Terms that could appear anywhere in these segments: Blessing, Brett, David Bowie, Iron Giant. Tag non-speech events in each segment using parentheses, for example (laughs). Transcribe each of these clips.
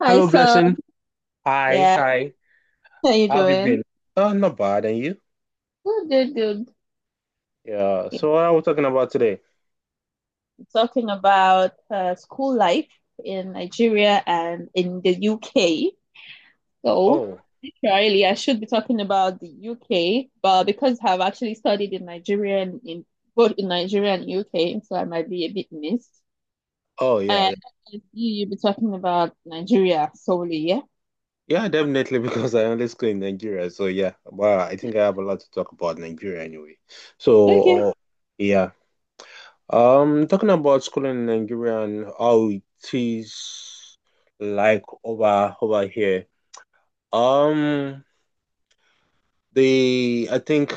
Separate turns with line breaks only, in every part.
Hi,
Hello,
so.
Blessing. Hi,
Yeah.
hi.
How you
How have you
doing?
been? Not bad. And you?
Good, good, good.
Yeah.
Yeah.
So what are we talking about today?
Talking about school life in Nigeria and in the UK. So,
Oh,
literally, I should be talking about the UK, but because I've actually studied in Nigeria and in both in Nigeria and UK, so I might be a bit missed.
oh yeah,
And
yeah,
you'll be talking about Nigeria solely, yeah?
yeah, definitely (laughs) because I only school in Nigeria. So yeah, well, I think I have a lot to talk about Nigeria anyway.
Okay.
So, yeah. Talking about school in Nigeria and how it is like over here. Um, the I think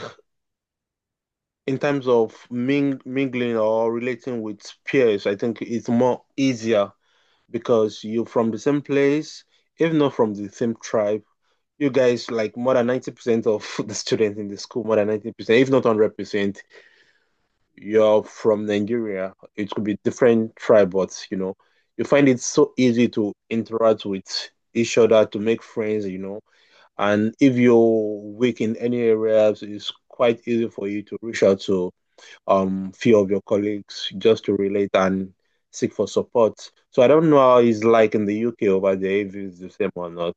in terms of mingling or relating with peers, I think it's more easier because you're from the same place, if not from the same tribe. You guys, like more than 90% of (laughs) the students in the school, more than 90%, if not 100%, you're from Nigeria. It could be different tribe, but you know, you find it so easy to interact with each other, to make friends. And if you're weak in any areas, it's quite easy for you to reach out to few of your colleagues just to relate and seek for support. So I don't know how it's like in the UK over there if it's the same or not.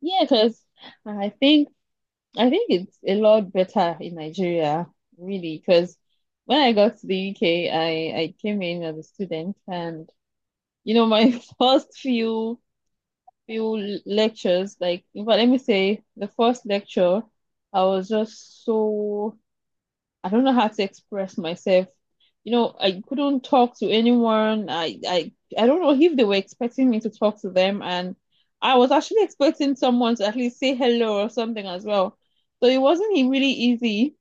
Yeah, because I think I think it's a lot better in Nigeria, really, because when I got to the UK, I came in as a student, and you know, my (laughs) first few lectures, like, in fact, let me say, the first lecture, I was just so I don't know how to express myself. You know, I couldn't talk to anyone. I don't know if they were expecting me to talk to them, and I was actually expecting someone to at least say hello or something as well. So it wasn't really easy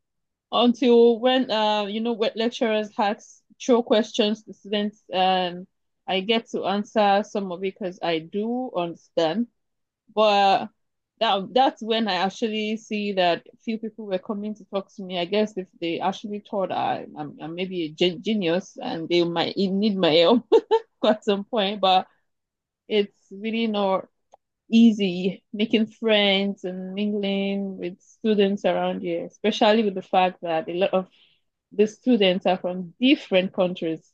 until when you know when lecturers ask throw questions to students and I get to answer some of it because I do understand, but that's when I actually see that few people were coming to talk to me. I guess if they actually thought I'm maybe a genius and they might need my help (laughs) at some point, but it's really not easy making friends and mingling with students around here, especially with the fact that a lot of the students are from different countries,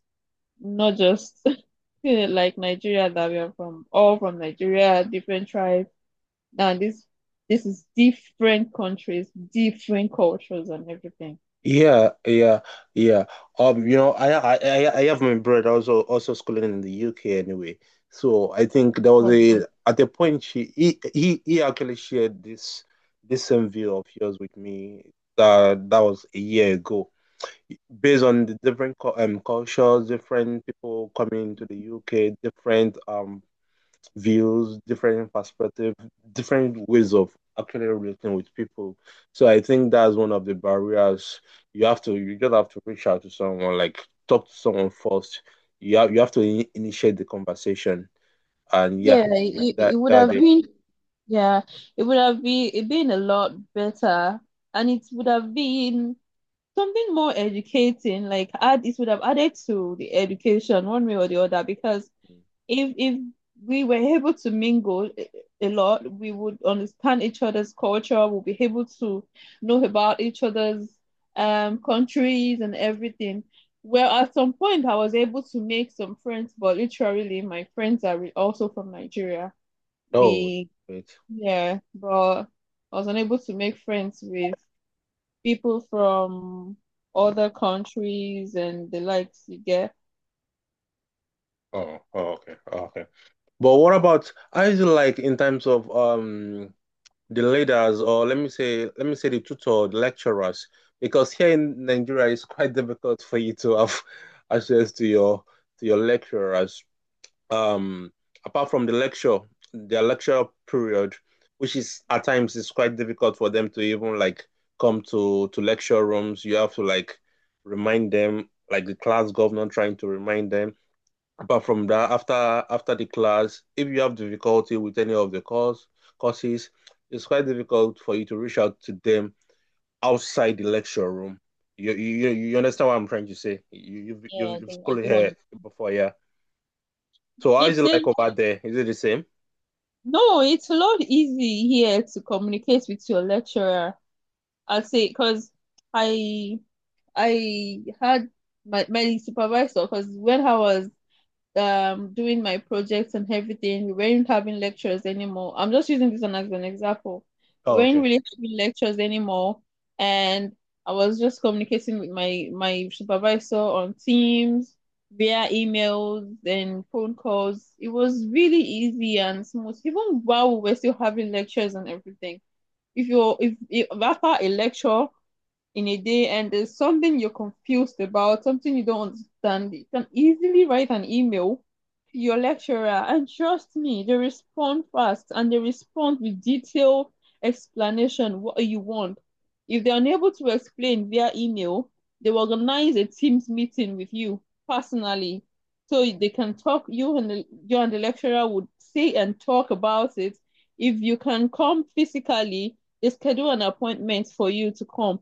not just (laughs) like Nigeria that we are from, all from Nigeria, different tribes. Now this is different countries, different cultures and everything.
Yeah, yeah, yeah. You know, I have my brother also schooling in the UK anyway. So I think there was
Well,
a at the point he actually shared this this same view of yours with me. That that was a year ago. Based on the different cultures, different people coming to the UK, different views, different perspective, different ways of actually relating with people. So I think that's one of the barriers. You just have to reach out to someone, like talk to someone first. You have to initiate the conversation, and yeah,
yeah, it,
that
it would
that
have
they.
been, yeah, it would have been, it been a lot better, and it would have been something more educating, like add it would have added to the education one way or the other, because if we were able to mingle a lot, we would understand each other's culture. We'll be able to know about each other's countries and everything. Well, at some point I was able to make some friends, but literally my friends are also from Nigeria.
Oh
We
wait.
Yeah, but I was unable to make friends with people from other countries and the likes, you get.
Oh, oh, okay, oh, okay. But what about how is it like in terms of the leaders, or let me say the tutor, the lecturers, because here in Nigeria it's quite (laughs) difficult for you to have (laughs) access to your lecturers. Um, Apart from the lecture, their lecture period, which is at times is quite difficult for them to even like come to lecture rooms. You have to like remind them, like the class governor trying to remind them. Apart from that, after the class, if you have difficulty with any of the courses, it's quite difficult for you to reach out to them outside the lecture room. You understand what I'm trying to say? You you've
Yeah, I
you've, you've
don't, I
schooled
don't want
here
to.
before, yeah. So how is
It's
it
a
like over there? Is it the same?
No, it's a lot easy here to communicate with your lecturer, I'll say, because I I had my supervisor, because when I was doing my projects and everything, we weren't having lectures anymore. I'm just using this one as an example. We
Oh,
weren't
okay.
really having lectures anymore, and I was just communicating with my supervisor on Teams via emails and phone calls. It was really easy and smooth, even while we were still having lectures and everything. If you're if after a lecture in a day and there's something you're confused about, something you don't understand, you can easily write an email to your lecturer. And trust me, they respond fast and they respond with detailed explanation what you want. If they're unable to explain via email, they will organize a Teams meeting with you personally, so they can talk. You and the, you and the lecturer would say and talk about it. If you can come physically, they schedule an appointment for you to come,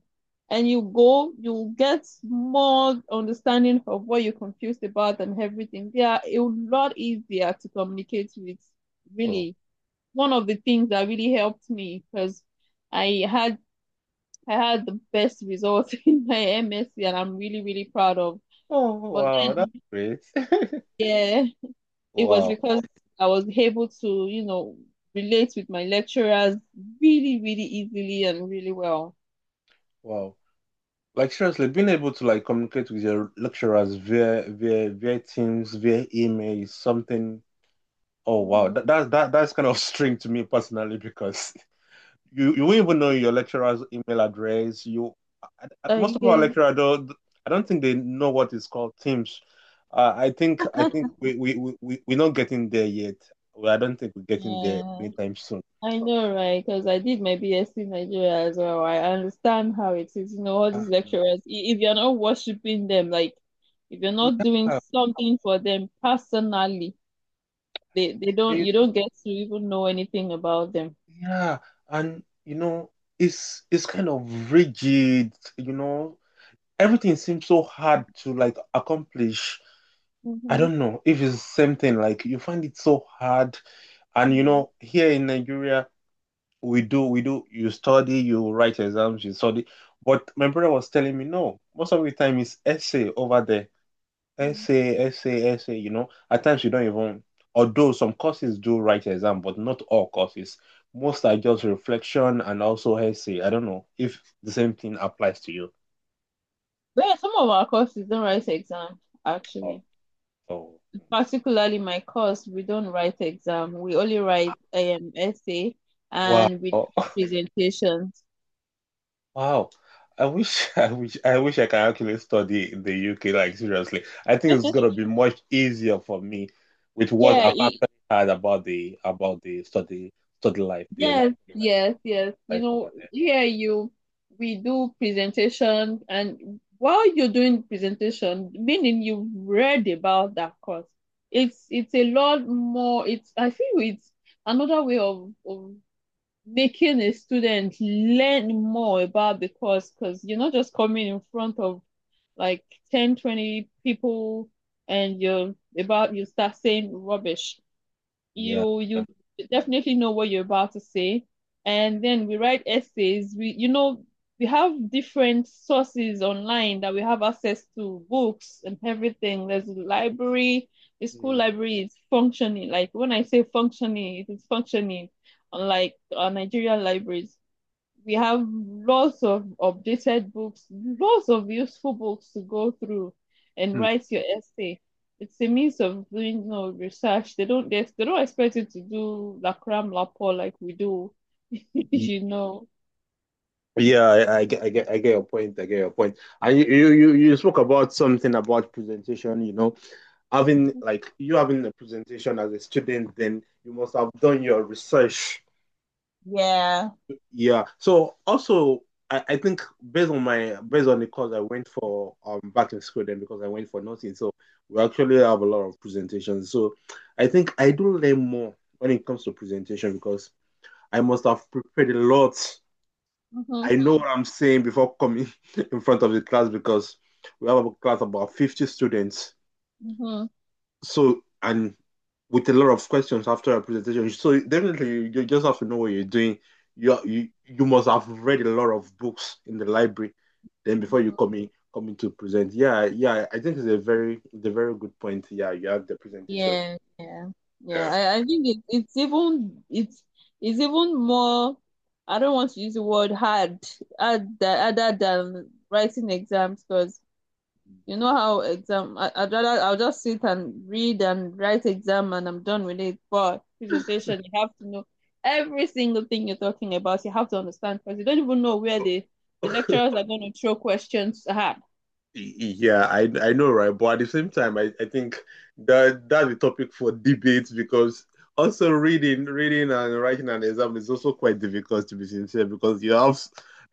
and you go, you'll get more understanding of what you're confused about and everything. They are a lot easier to communicate with,
Oh,
really. One of the things that really helped me, because I had I had the best results (laughs) in my MSc and I'm really, really proud of.
oh
But
wow, that's
then,
great. (laughs)
yeah, it was
Wow,
because I was able to, you know, relate with my lecturers really, really easily and really well.
wow. Like seriously, being able to like communicate with your lecturers via Teams, via email is something. Oh wow,
Mhm.
that's kind of (laughs) strange to me personally because you won't even know your lecturer's email address. Most
I
of our
guess.
lecturer though, I don't think they know what is called Teams. I think
(laughs)
we're not getting there yet. Well, I don't think we're getting there
Yeah.
anytime soon.
I know, right? Because I did my BSc in Nigeria as well. I understand how it is. You know, all
Ah,
these
no.
lecturers, if you're not worshiping them, like if you're
Yeah,
not doing something for them personally, they don't you don't get to even know anything about them.
yeah, and you know it's kind of rigid. You know everything seems so hard to like accomplish. I
Mm-hmm.
don't know if it's the same thing. Like you find it so hard, and you
Mm-hmm.
know, here in Nigeria, we do. You study, you write exams, you study. But my brother was telling me, no, most of the time it's essay over there, essay, essay, essay. You know, at times you don't even. Although some courses do write exam, but not all courses. Most are just reflection and also essay. I don't know if the same thing applies to you.
But yeah, some of our courses don't write exam,
Oh,
actually.
oh,
Particularly my course, we don't write exam. We only write essay,
wow.
and we do
(laughs)
presentations.
Wow. I wish (laughs) I wish I can actually study in the UK, like seriously. I think it's
(laughs)
gonna be much easier for me with what
Yeah,
I've actually heard about the study life, the education
yes, yes, yes. You
life
know,
over there.
here you we do presentation, and while you're doing presentation, meaning you've read about that course. It's a lot more. It's I feel it's another way of making a student learn more about the course, because you're not just coming in front of like 10, 20 people and you start saying rubbish.
Yeah.
You definitely know what you're about to say. And then we write essays. We you know we have different sources online that we have access to, books and everything. There's a library. The school
Mm.
library is functioning. Like when I say functioning, it is functioning, unlike Nigerian libraries. We have lots of updated books, lots of useful books to go through and
Mm.
write your essay. It's a means of doing, you know, research. They don't expect you to do la cram la pour like we do, (laughs)
Y-
you know.
Yeah, I get your point. I get your point. And you, you spoke about something about presentation, you know, having like you having a presentation as a student, then you must have done your research.
Yeah.
Yeah. So also, I think based on my based on the course I went for back in school then, because I went for nursing. So we actually have a lot of presentations. So I think I do learn more when it comes to presentation because I must have prepared a lot.
Mm-hmm.
I know what I'm saying before coming (laughs) in front of the class because we have a class about 50 students.
Mm-hmm.
So and with a lot of questions after a presentation. So definitely you just have to know what you're doing. You must have read a lot of books in the library then before you
Hmm.
come in to present. Yeah, yeah, I think it's a very good point. Yeah, you have the presentations.
Yeah. Yeah. Yeah.
Yeah.
I think it's even more, I don't want to use the word hard, other than writing exams, because you know how exam, I, I'd rather I'll just sit and read and write exam and I'm done with it. But presentation, you have to know every single thing you're talking about. You have to understand because you don't even know where the
(laughs)
lecturers are going to throw questions at.
Yeah, I know, right? But at the same time, I think that that's a topic for debate because also reading and writing an exam is also quite difficult, to be sincere, because you have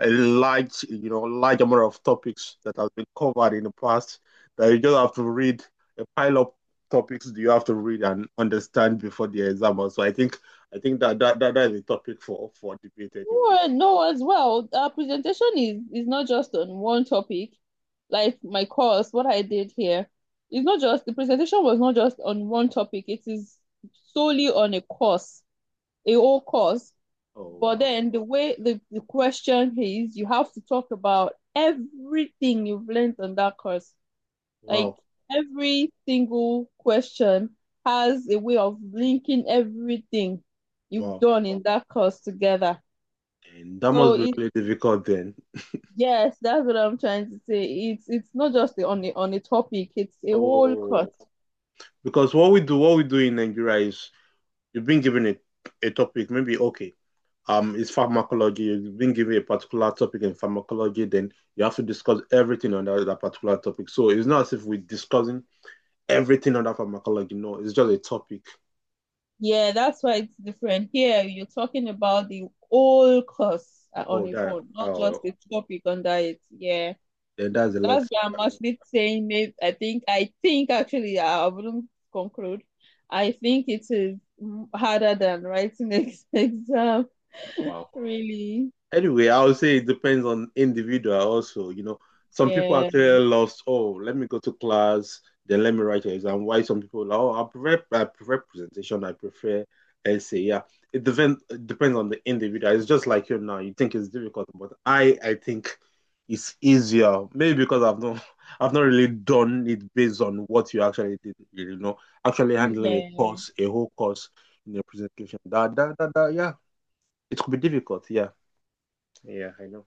a large you know large amount of topics that have been covered in the past that you just have to read, a pile of topics that you have to read and understand before the exam. So I think that that that, that is a topic for debate anyway.
No, no, as well. Our presentation is not just on one topic, like my course, what I did here. It's not just the presentation was not just on one topic. It is solely on a course, a whole course.
Oh
But
wow,
then the way the question is, you have to talk about everything you've learned on that course. Like
wow,
every single question has a way of linking everything you've
wow,
done in that course together.
and that
So
must be
it's
really difficult then.
yes, that's what I'm trying to say. It's not
Uh,
just on a topic, it's a whole course.
Oh, because what we do in Nigeria is you've been given a topic, maybe okay, it's pharmacology. You've been given a particular topic in pharmacology, then you have to discuss everything on that, that particular topic. So it's not as if we're discussing everything on that pharmacology. No, it's just a topic.
Yeah, that's why it's different. Here, you're talking about the whole course, on
Oh,
its
that,
own, not just
oh,
the topic under it. Yeah,
then that's a lot.
that's why I'm actually saying. Maybe I think actually I wouldn't conclude. I think it is harder than writing ex (laughs) exam.
Wow.
Really,
Anyway, I would say it depends on individual also. You know, some people
yeah,
actually lost, oh, let me go to class, then let me write an exam. Why some people, like, oh, I prefer presentation, I prefer essay. Yeah. It depends on the individual. It's just like you now. You think it's difficult, but I think it's easier. Maybe because I've not (laughs) I've not really done it based on what you actually did, you know, actually handling a
yeah,
course, a whole course in a presentation. That that that, that Yeah, it could be difficult, yeah. Yeah, I know.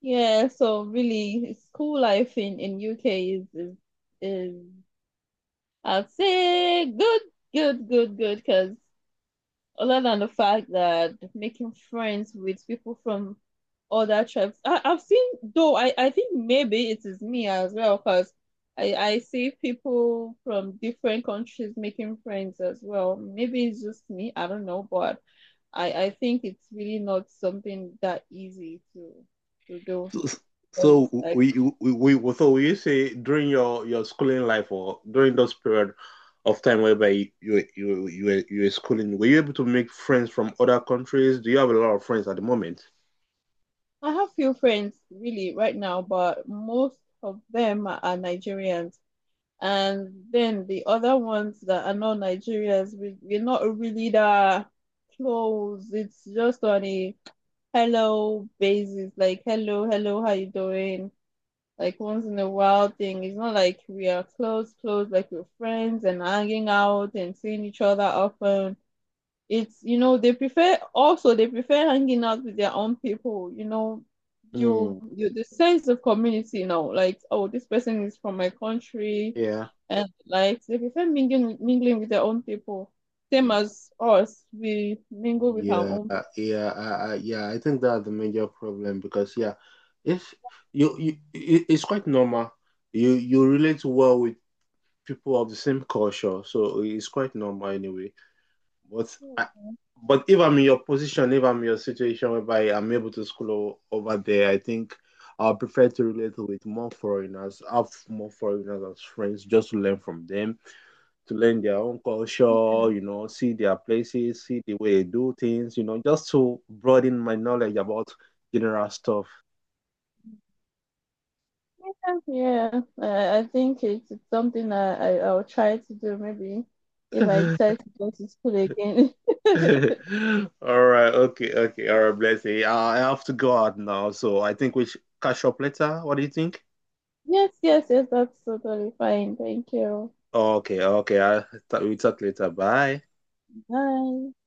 yeah. So really, school life in UK is I'd say good, good, good, good, because other than the fact that making friends with people from other tribes. I've seen, though I think maybe it is me as well, because I see people from different countries making friends as well. Maybe it's just me, I don't know, but I think it's really not something that easy to do.
So,
Because
so
I
we So you say during your schooling life or during those period of time whereby you were schooling, were you able to make friends from other countries? Do you have a lot of friends at the moment?
I have few friends really right now, but most of them are Nigerians. And then the other ones that are not Nigerians, we're not really that close. It's just on a hello basis, like hello, hello, how you doing? Like once in a while thing. It's not like we are close, close, like we're friends and hanging out and seeing each other often. It's, you know, they prefer, also they prefer hanging out with their own people, you know, you
Mm,
you the sense of community, you know, like, oh, this person is from my country,
yeah.
and like they prefer mingling with their own people, same
Mm.
as us. We mingle with our
Yeah,
own
yeah. I think that's the major problem because yeah, if it- it's quite normal. You relate well with people of the same culture, so it's quite normal anyway. But I,
people.
but if I'm in your position, if I'm in your situation whereby I'm able to school over there, I think I'll prefer to relate with more foreigners, have more foreigners as friends, just to learn from them, to learn their own culture, you know, see their places, see the way they do things, you know, just to broaden my knowledge about general stuff.
Yeah, yeah. I think it's something that I'll try to do, maybe
(laughs)
if I
All
decide to go to school again. (laughs)
right, okay, okay, all right, bless you. I have to go out now, so I think we should catch up later. What do you think?
Yes, yes, yes, that's totally fine. Thank you.
Okay, okay. I thought we talk later. Bye.
Bye.